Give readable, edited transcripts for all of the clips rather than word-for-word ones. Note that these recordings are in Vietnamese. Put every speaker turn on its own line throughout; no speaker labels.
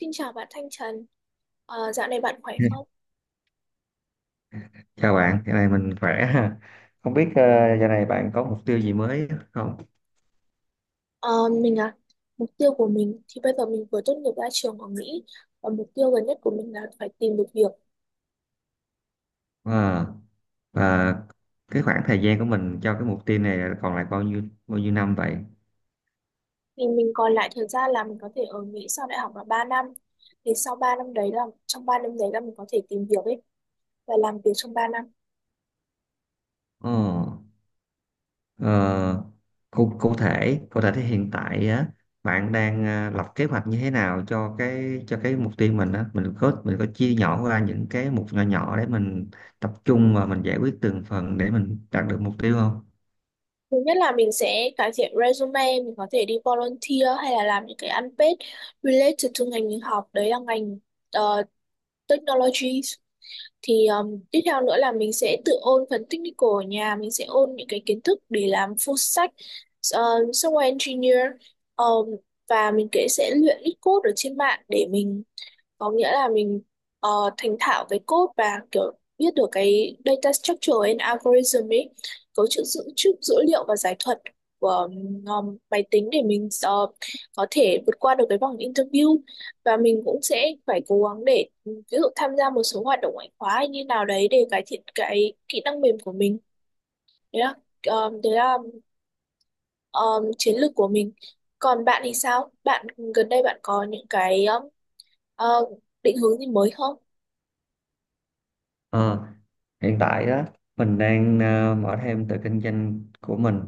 Xin chào bạn Thanh Trần. Dạo này bạn khỏe không?
Chào bạn, giờ này mình khỏe ha. Không biết giờ này bạn có mục tiêu gì mới không?
Ờ, mình à, Mục tiêu của mình thì bây giờ mình vừa tốt nghiệp ra trường ở Mỹ và mục tiêu gần nhất của mình là phải tìm được việc.
Ờ, và cái khoảng thời gian của mình cho cái mục tiêu này là còn lại bao nhiêu năm vậy?
Thì mình còn lại thời gian là mình có thể ở Mỹ sau đại học là 3 năm. Thì sau 3 năm đấy là trong 3 năm đấy là mình có thể tìm việc ấy và làm việc trong 3 năm.
Ờ, ờ, cụ thể thì hiện tại á, bạn đang lập kế hoạch như thế nào cho cái mục tiêu mình á? Mình có chia nhỏ ra những cái mục nhỏ nhỏ để mình tập trung và mình giải quyết từng phần để mình đạt được mục tiêu không?
Thứ nhất là mình sẽ cải thiện resume, mình có thể đi volunteer hay là làm những cái unpaid related to ngành mình học, đấy là ngành ờ, technology. Thì tiếp theo nữa là mình sẽ tự ôn phần technical ở nhà, mình sẽ ôn những cái kiến thức để làm full stack uh, software engineer, um, và mình kể sẽ luyện ít code ở trên mạng để mình, có nghĩa là mình ờ, thành thạo về code, và kiểu biết được cái data structure and algorithm ấy, cấu trúc dữ liệu và giải thuật của máy tính, để mình có thể vượt qua được cái vòng interview. Và mình cũng sẽ phải cố gắng để, ví dụ tham gia một số hoạt động ngoại khóa hay như nào đấy để cải thiện cái kỹ năng mềm của mình. Đấy là ờ, đấy là ờ, chiến lược của mình. Còn bạn thì sao? Bạn gần đây bạn có những cái ờ, định hướng gì mới không?
Ờ, Hiện tại á, mình đang mở thêm tự kinh doanh của mình.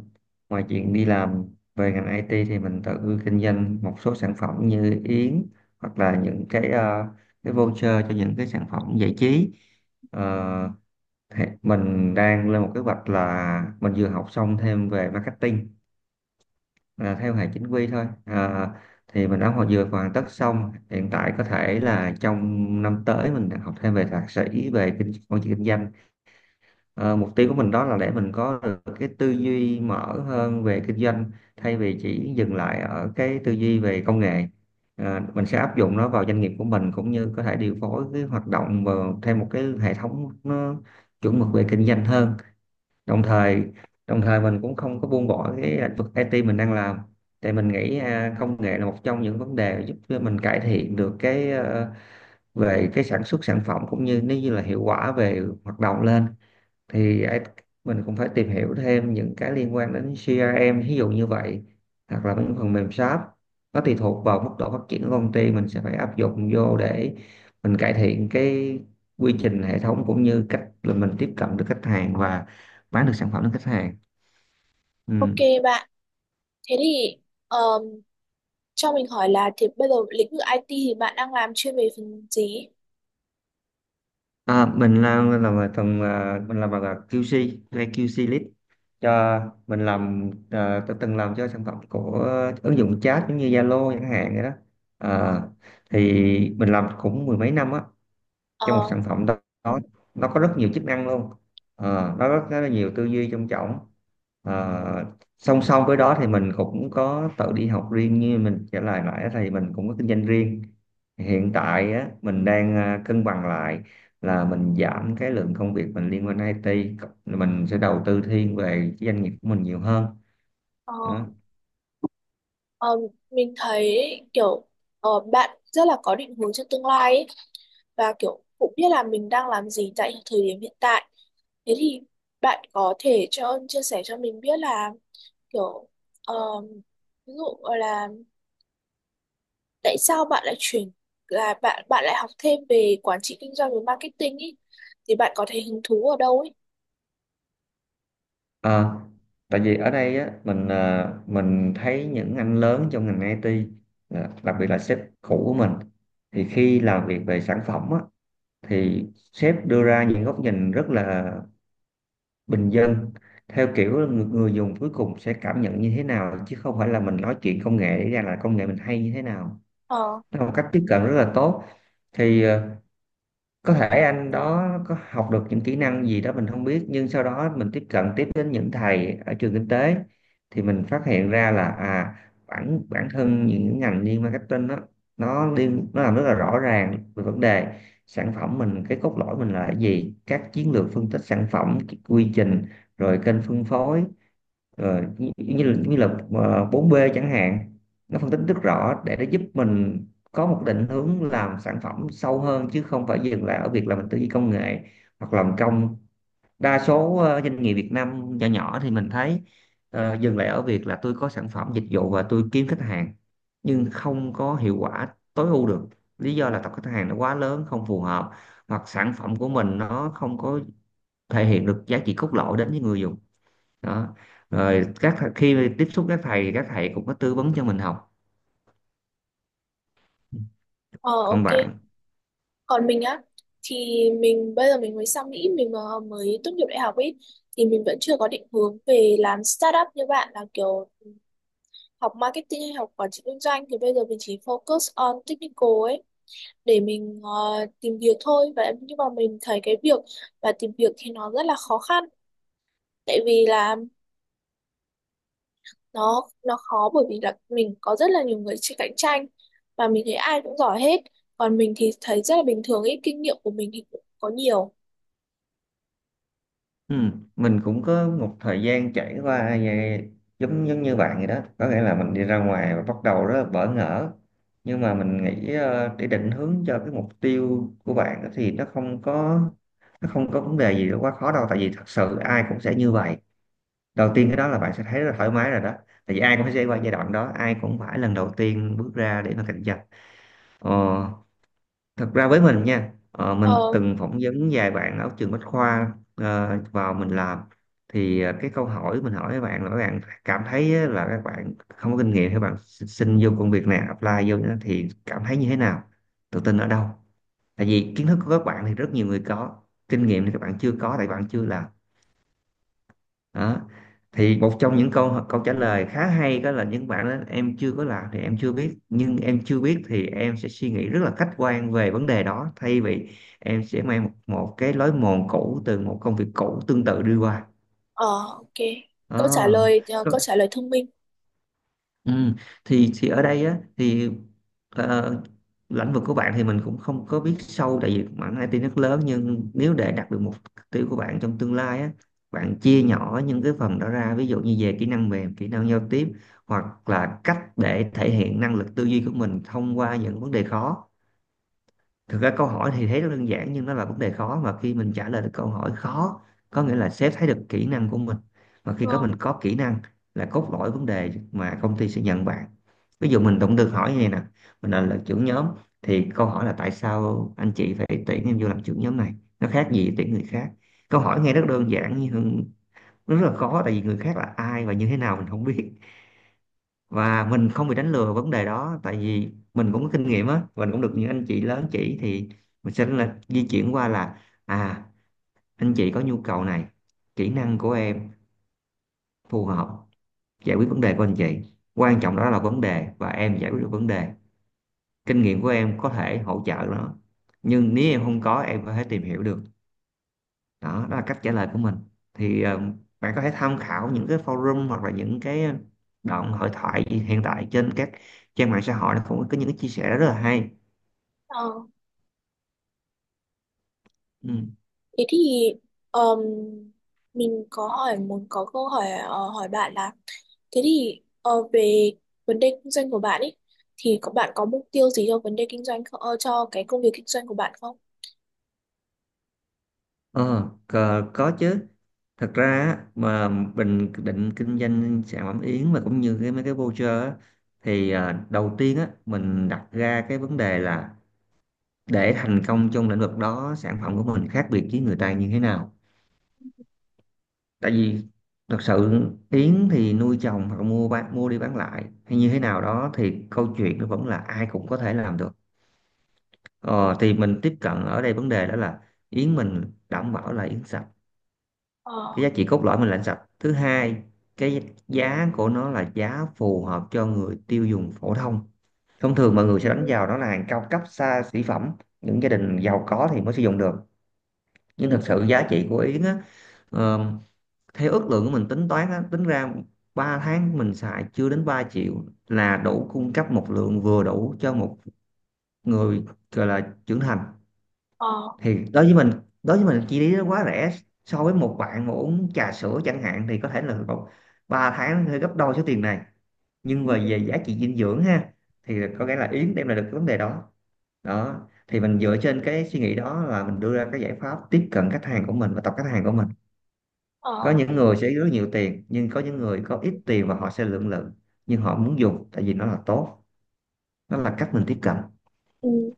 Ngoài chuyện đi làm về ngành IT thì mình tự kinh doanh một số sản phẩm như yến, hoặc là những cái, cái voucher cho những cái sản phẩm giải trí. Ờ, thì mình đang lên một kế hoạch là mình vừa học xong thêm về marketing, là theo hệ chính quy thôi. Ờ, thì mình đã vừa hoàn tất xong. Hiện tại có thể là trong năm tới mình đang học thêm về thạc sĩ về quản trị kinh doanh. Ờ, Mục tiêu của mình đó là để mình có được cái tư duy mở hơn về kinh doanh, thay vì chỉ dừng lại ở cái tư duy về công nghệ. Mình sẽ áp dụng nó vào doanh nghiệp của mình, cũng như có thể điều phối cái hoạt động vào theo một cái hệ thống nó chuẩn mực về kinh doanh hơn. Đồng thời đồng thời mình cũng không có buông bỏ cái lĩnh vực IT mình đang làm. Tại mình nghĩ à, công nghệ là một trong những vấn đề giúp cho mình cải thiện được cái, về cái sản xuất sản phẩm, cũng như nếu như là hiệu quả về hoạt động lên, thì mình cũng phải tìm hiểu thêm những cái liên quan đến CRM, ví dụ như vậy, hoặc là những phần mềm shop. Nó tùy thuộc vào mức độ phát triển của công ty, mình sẽ phải áp dụng vô để mình cải thiện cái quy trình hệ thống, cũng như cách là mình tiếp cận được khách hàng và bán được sản phẩm đến khách hàng.
Ok
Ừ.
bạn, thế thì um, cho mình hỏi là thì bây giờ lĩnh vực IT thì bạn đang làm chuyên về phần gì?
À, mình làm ở phần à, mình làm bằng QC hay QC lead cho. Mình làm à, tôi từng làm cho sản phẩm của ứng dụng chat giống như Zalo chẳng hạn vậy đó à. Thì mình làm cũng mười mấy năm á, cho một
Ờ.
sản phẩm đó. Đó, nó có rất nhiều chức năng luôn
Ừ.
à, nó rất, rất là nhiều tư duy trong trọng. Ờ, Song song với đó thì mình cũng có tự đi học riêng, như mình trả lời nãy thì mình cũng có kinh doanh riêng. Hiện tại á, mình đang à, cân bằng lại, là mình giảm cái lượng công việc mình liên quan đến IT, mình sẽ đầu tư thiên về cái doanh nghiệp của mình nhiều hơn
Ờ.
đó.
Ờ. Mình thấy kiểu bạn rất là có định hướng cho tương lai ấy, và kiểu cũng biết là mình đang làm gì tại thời điểm hiện tại. Thế thì bạn có thể cho chia sẻ cho mình biết là kiểu um, ví dụ là tại sao bạn lại chuyển, là bạn bạn lại học thêm về quản trị kinh doanh và marketing ý? Thì bạn có thấy hứng thú ở đâu ấy?
Ờ, Tại vì ở đây á, mình à, mình thấy những anh lớn trong ngành IT, à, đặc biệt là sếp cũ của mình, thì khi làm việc về sản phẩm á, thì sếp đưa ra những góc nhìn rất là bình dân, theo kiểu là người dùng cuối cùng sẽ cảm nhận như thế nào, chứ không phải là mình nói chuyện công nghệ để ra là công nghệ mình hay như thế nào.
Ờ.
Nó là một cách tiếp cận rất là tốt. Thì có thể anh đó có học được những kỹ năng gì đó mình không biết, nhưng sau đó mình tiếp cận tiếp đến những thầy ở trường kinh tế, thì mình phát hiện ra là, à, bản bản thân những ngành như marketing đó, nó liên, nó làm rất là rõ ràng về vấn đề sản phẩm mình, cái cốt lõi mình là cái gì, các chiến lược phân tích sản phẩm, quy trình, rồi kênh phân phối, như là 4B chẳng hạn. Nó phân tích rất rõ để nó giúp mình có một định hướng làm sản phẩm sâu hơn, chứ không phải dừng lại ở việc là mình tư duy công nghệ, hoặc làm công. Đa số doanh nghiệp Việt Nam nhỏ nhỏ thì mình thấy dừng lại ở việc là tôi có sản phẩm dịch vụ và tôi kiếm khách hàng, nhưng không có hiệu quả tối ưu được. Lý do là tập khách hàng nó quá lớn, không phù hợp, hoặc sản phẩm của mình nó không có thể hiện được giá trị cốt lõi đến với người dùng. Đó, rồi khi tiếp xúc các thầy thì các thầy cũng có tư vấn cho mình học.
Ờ,
Còn
ok.
bạn?
Còn mình á, thì mình bây giờ mình mới sang Mỹ, mình mới tốt nghiệp đại học ấy, thì mình vẫn chưa có định hướng về làm startup như bạn, là kiểu học marketing hay học quản trị kinh doanh. Thì bây giờ mình chỉ focus on technical ấy để mình tìm việc thôi. Và nhưng mà mình thấy cái việc và tìm việc thì nó rất là khó khăn, tại vì là nó khó, bởi vì là mình có rất là nhiều người chỉ cạnh tranh và mình thấy ai cũng giỏi hết. Còn mình thì thấy rất là bình thường ấy, kinh nghiệm của mình thì cũng có nhiều.
Ừ, mình cũng có một thời gian trải qua về, giống giống như bạn vậy đó, có nghĩa là mình đi ra ngoài và bắt đầu rất là bỡ ngỡ. Nhưng mà mình nghĩ để định hướng cho cái mục tiêu của bạn á, thì nó không có, nó không có vấn đề gì quá khó đâu, tại vì thật sự ai cũng sẽ như vậy. Đầu tiên cái
Ừ.
đó là bạn sẽ thấy rất là thoải mái rồi đó, tại vì ai cũng sẽ qua giai đoạn đó, ai cũng phải lần đầu tiên bước ra để mà cạnh tranh. ờ Thật ra với mình nha, mình
Ờ.
từng, ừ, phỏng vấn vài bạn ở trường Bách Khoa vào mình làm. Thì cái câu hỏi mình hỏi các bạn là, các bạn cảm thấy á, là các bạn không có kinh nghiệm, các bạn xin vô công việc này, apply vô đó, thì cảm thấy như thế nào, tự tin ở đâu? Tại vì kiến thức của các bạn thì rất nhiều người có, kinh nghiệm thì các bạn chưa có, tại bạn chưa làm. Đó, thì một trong những câu câu trả lời khá hay đó là, những bạn đó: em chưa có làm thì em chưa biết, nhưng em chưa biết thì em sẽ suy nghĩ rất là khách quan về vấn đề đó, thay vì em sẽ mang một cái lối mòn cũ từ một công việc cũ tương tự đi qua.
Ờ, ok. Câu trả
Ờ.
lời ờ, câu trả lời thông minh.
Ừ. Thì ở đây á, thì ờ, lĩnh vực của bạn thì mình cũng không có biết sâu, tại vì mảng IT rất lớn, nhưng nếu để đạt được mục tiêu của bạn trong tương lai á, bạn chia nhỏ những cái phần đó ra, ví dụ như về kỹ năng mềm, kỹ năng giao tiếp, hoặc là cách để thể hiện năng lực tư duy của mình thông qua những vấn đề khó. Thực ra câu hỏi thì thấy rất đơn giản nhưng nó là vấn đề khó, và khi mình trả lời được câu hỏi khó, có nghĩa là sếp thấy được kỹ năng của mình, mà khi
Ờ.
có mình có kỹ năng là cốt lõi vấn đề mà công ty sẽ nhận bạn. Ví dụ mình cũng được hỏi như này nè: mình là trưởng nhóm, thì câu hỏi là tại sao anh chị phải tuyển em vô làm trưởng nhóm này, nó khác gì tuyển người khác? Câu hỏi nghe rất đơn giản nhưng nó rất là khó, tại vì người khác là ai và như thế nào mình không biết, và mình không bị đánh lừa vấn đề đó. Tại vì mình cũng có kinh nghiệm á, mình cũng được những anh chị lớn chỉ, thì mình sẽ là di chuyển qua là, à, anh chị có nhu cầu này, kỹ năng của em phù hợp, giải quyết vấn đề của anh chị. Quan trọng đó là vấn đề và em giải quyết được vấn đề, kinh nghiệm của em có thể hỗ trợ nó, nhưng nếu em không có, em có thể tìm hiểu được. Đó, đó là cách trả lời của mình. Thì bạn có thể tham khảo những cái forum, hoặc là những cái đoạn hội thoại hiện tại trên các trang mạng xã hội, nó cũng có những cái chia sẻ rất là hay.
Ờ.
Ừ.
Thế thì ờm, mình có hỏi muốn có câu hỏi hỏi bạn là, thế thì về vấn đề kinh doanh của bạn ấy, thì có bạn có mục tiêu gì cho vấn đề kinh doanh không, cho cái công việc kinh doanh của bạn không?
ờ có, có chứ. Thật ra á, mà mình định kinh doanh sản phẩm yến mà cũng như cái mấy cái voucher á, thì đầu tiên á mình đặt ra cái vấn đề là để thành công trong lĩnh vực đó sản phẩm của mình khác biệt với người ta như thế nào. Tại vì thật sự Yến thì nuôi trồng hoặc mua bán mua đi bán lại hay như thế nào đó thì câu chuyện nó vẫn là ai cũng có thể làm được. Ờ, thì mình tiếp cận ở đây vấn đề đó là Yến mình đảm bảo là Yến sạch. Cái
Ờ.
giá trị cốt lõi mình là Yến sạch. Thứ hai, cái giá của nó là giá phù hợp cho người tiêu dùng phổ thông. Thông thường mọi người sẽ đánh
Ừ.
vào đó là hàng cao cấp xa xỉ phẩm, những gia đình giàu có thì mới sử dụng được. Nhưng
Ừ.
thật sự giá trị của Yến á, theo ước lượng của mình tính toán á, tính ra 3 tháng mình xài chưa đến 3 triệu là đủ cung cấp một lượng vừa đủ cho một người gọi là trưởng thành.
Ờ.
Thì đối với mình, đối với mình chi phí nó quá rẻ. So với một bạn mà uống trà sữa chẳng hạn thì có thể là 3 tháng hơi gấp đôi số tiền này, nhưng
Ừ.
mà về giá trị dinh dưỡng ha, thì có nghĩa là Yến đem lại được cái vấn đề đó. Đó, thì mình dựa trên cái suy nghĩ đó là mình đưa ra cái giải pháp tiếp cận khách hàng của mình và tập khách hàng của mình. Có
Ờ.
những người sẽ rất nhiều tiền, nhưng có những người có ít tiền và họ sẽ lưỡng lự, nhưng họ muốn dùng tại vì nó là tốt. Nó là cách mình tiếp cận.
Ừ.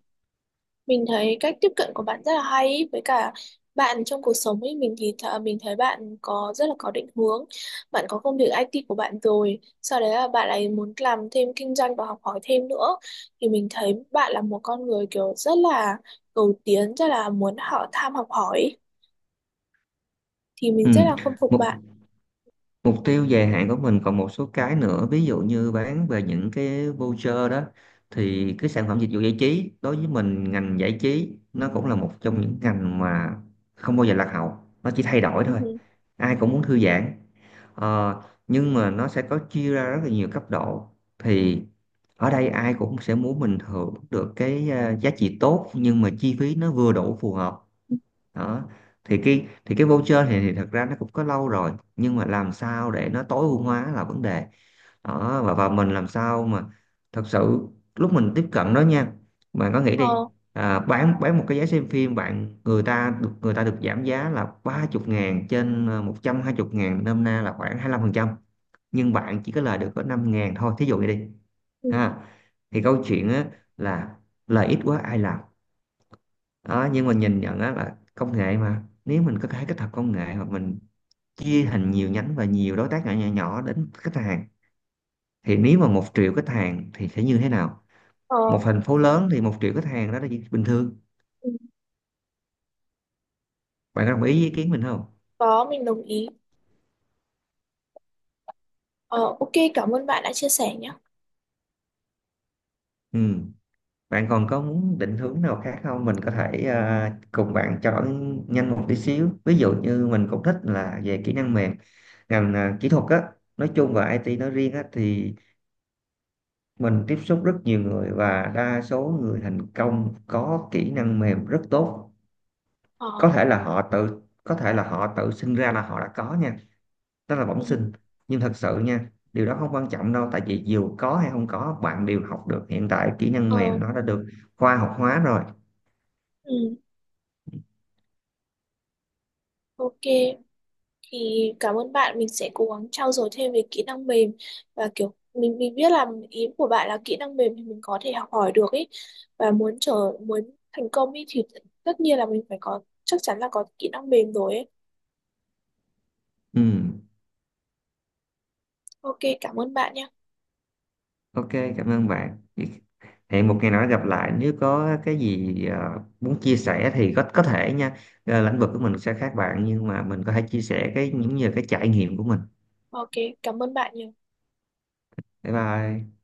Mình thấy cách tiếp cận của bạn rất là hay ý, với cả bạn trong cuộc sống ấy, mình thì mình thấy bạn có rất là có định hướng. Bạn có công việc IT của bạn rồi, sau đấy là bạn ấy muốn làm thêm kinh doanh và học hỏi thêm nữa, thì mình thấy bạn là một con người kiểu rất là cầu tiến, rất là muốn họ tham học hỏi ý. Thì mình
Ừ.
rất là khâm phục
mục
bạn.
mục tiêu dài hạn của mình còn một số cái nữa, ví dụ như bán về những cái voucher đó thì cái sản phẩm dịch vụ giải trí, đối với mình ngành giải trí nó cũng là một trong những ngành mà không bao giờ lạc hậu, nó chỉ thay
Ừ,
đổi thôi.
ừ.
Ai cũng muốn thư giãn. Ờ, nhưng mà nó sẽ có chia ra rất là nhiều cấp độ. Thì ở đây ai cũng sẽ muốn mình hưởng được cái giá trị tốt nhưng mà chi phí nó vừa đủ phù hợp. Đó, thì cái voucher thì thật ra nó cũng có lâu rồi, nhưng mà làm sao để nó tối ưu hóa là vấn đề. Đó và mình làm sao mà thật sự lúc mình tiếp cận đó nha. Bạn có nghĩ đi,
Ờ.
bán một cái vé xem phim bạn, người ta được giảm giá là 30 ngàn trên một trăm hai 120 ngàn, nôm na là khoảng 25%, nhưng bạn chỉ có lời được có 5 ngàn thôi, thí dụ như đi,
Ừ.
ha. Thì câu chuyện á, là lời ít quá ai làm. Đó, nhưng mà nhìn nhận á, là công nghệ mà nếu mình có thể kết hợp công nghệ hoặc mình chia thành nhiều nhánh và nhiều đối tác nhỏ nhỏ, nhỏ đến khách hàng, thì nếu mà 1 triệu khách hàng thì sẽ như thế nào.
Ờ.
Một thành phố lớn thì 1 triệu khách hàng đó là chuyện bình thường.
Ừ.
Bạn có đồng ý với ý kiến mình không?
Có, mình đồng ý. Ờ, ok, cảm ơn bạn đã chia sẻ nhé.
Ừ. Bạn còn có muốn định hướng nào khác không, mình có thể cùng bạn chọn nhanh một tí xíu. Ví dụ như mình cũng thích là về kỹ năng mềm, ngành kỹ thuật á nói chung và IT nói riêng á, thì mình tiếp xúc rất nhiều người và đa số người thành công có kỹ năng mềm rất tốt.
Ờ.
Có thể là họ tự sinh ra là họ đã có nha, đó là bẩm
Ừ.
sinh. Nhưng thật sự nha điều đó không quan trọng đâu, tại vì dù có hay không có bạn đều học được. Hiện tại kỹ năng mềm
Ờ.
nó đã được khoa học hóa rồi.
Ừ. Ok. Thì cảm ơn bạn, mình sẽ cố gắng trau dồi thêm về kỹ năng mềm, và kiểu mình biết là ý của bạn là kỹ năng mềm thì mình có thể học hỏi được ấy, và muốn muốn thành công ấy thì tất nhiên là mình phải có, chắc chắn là có kỹ năng mềm rồi ấy.
Ừ.
Ok, cảm ơn bạn nhé.
Ok, cảm ơn bạn. Hẹn một ngày nào đó gặp lại, nếu có cái gì muốn chia sẻ thì có thể nha. Lĩnh vực của mình sẽ khác bạn nhưng mà mình có thể chia sẻ cái những như cái trải nghiệm của mình.
Ok, cảm ơn bạn nhiều.
Bye bye.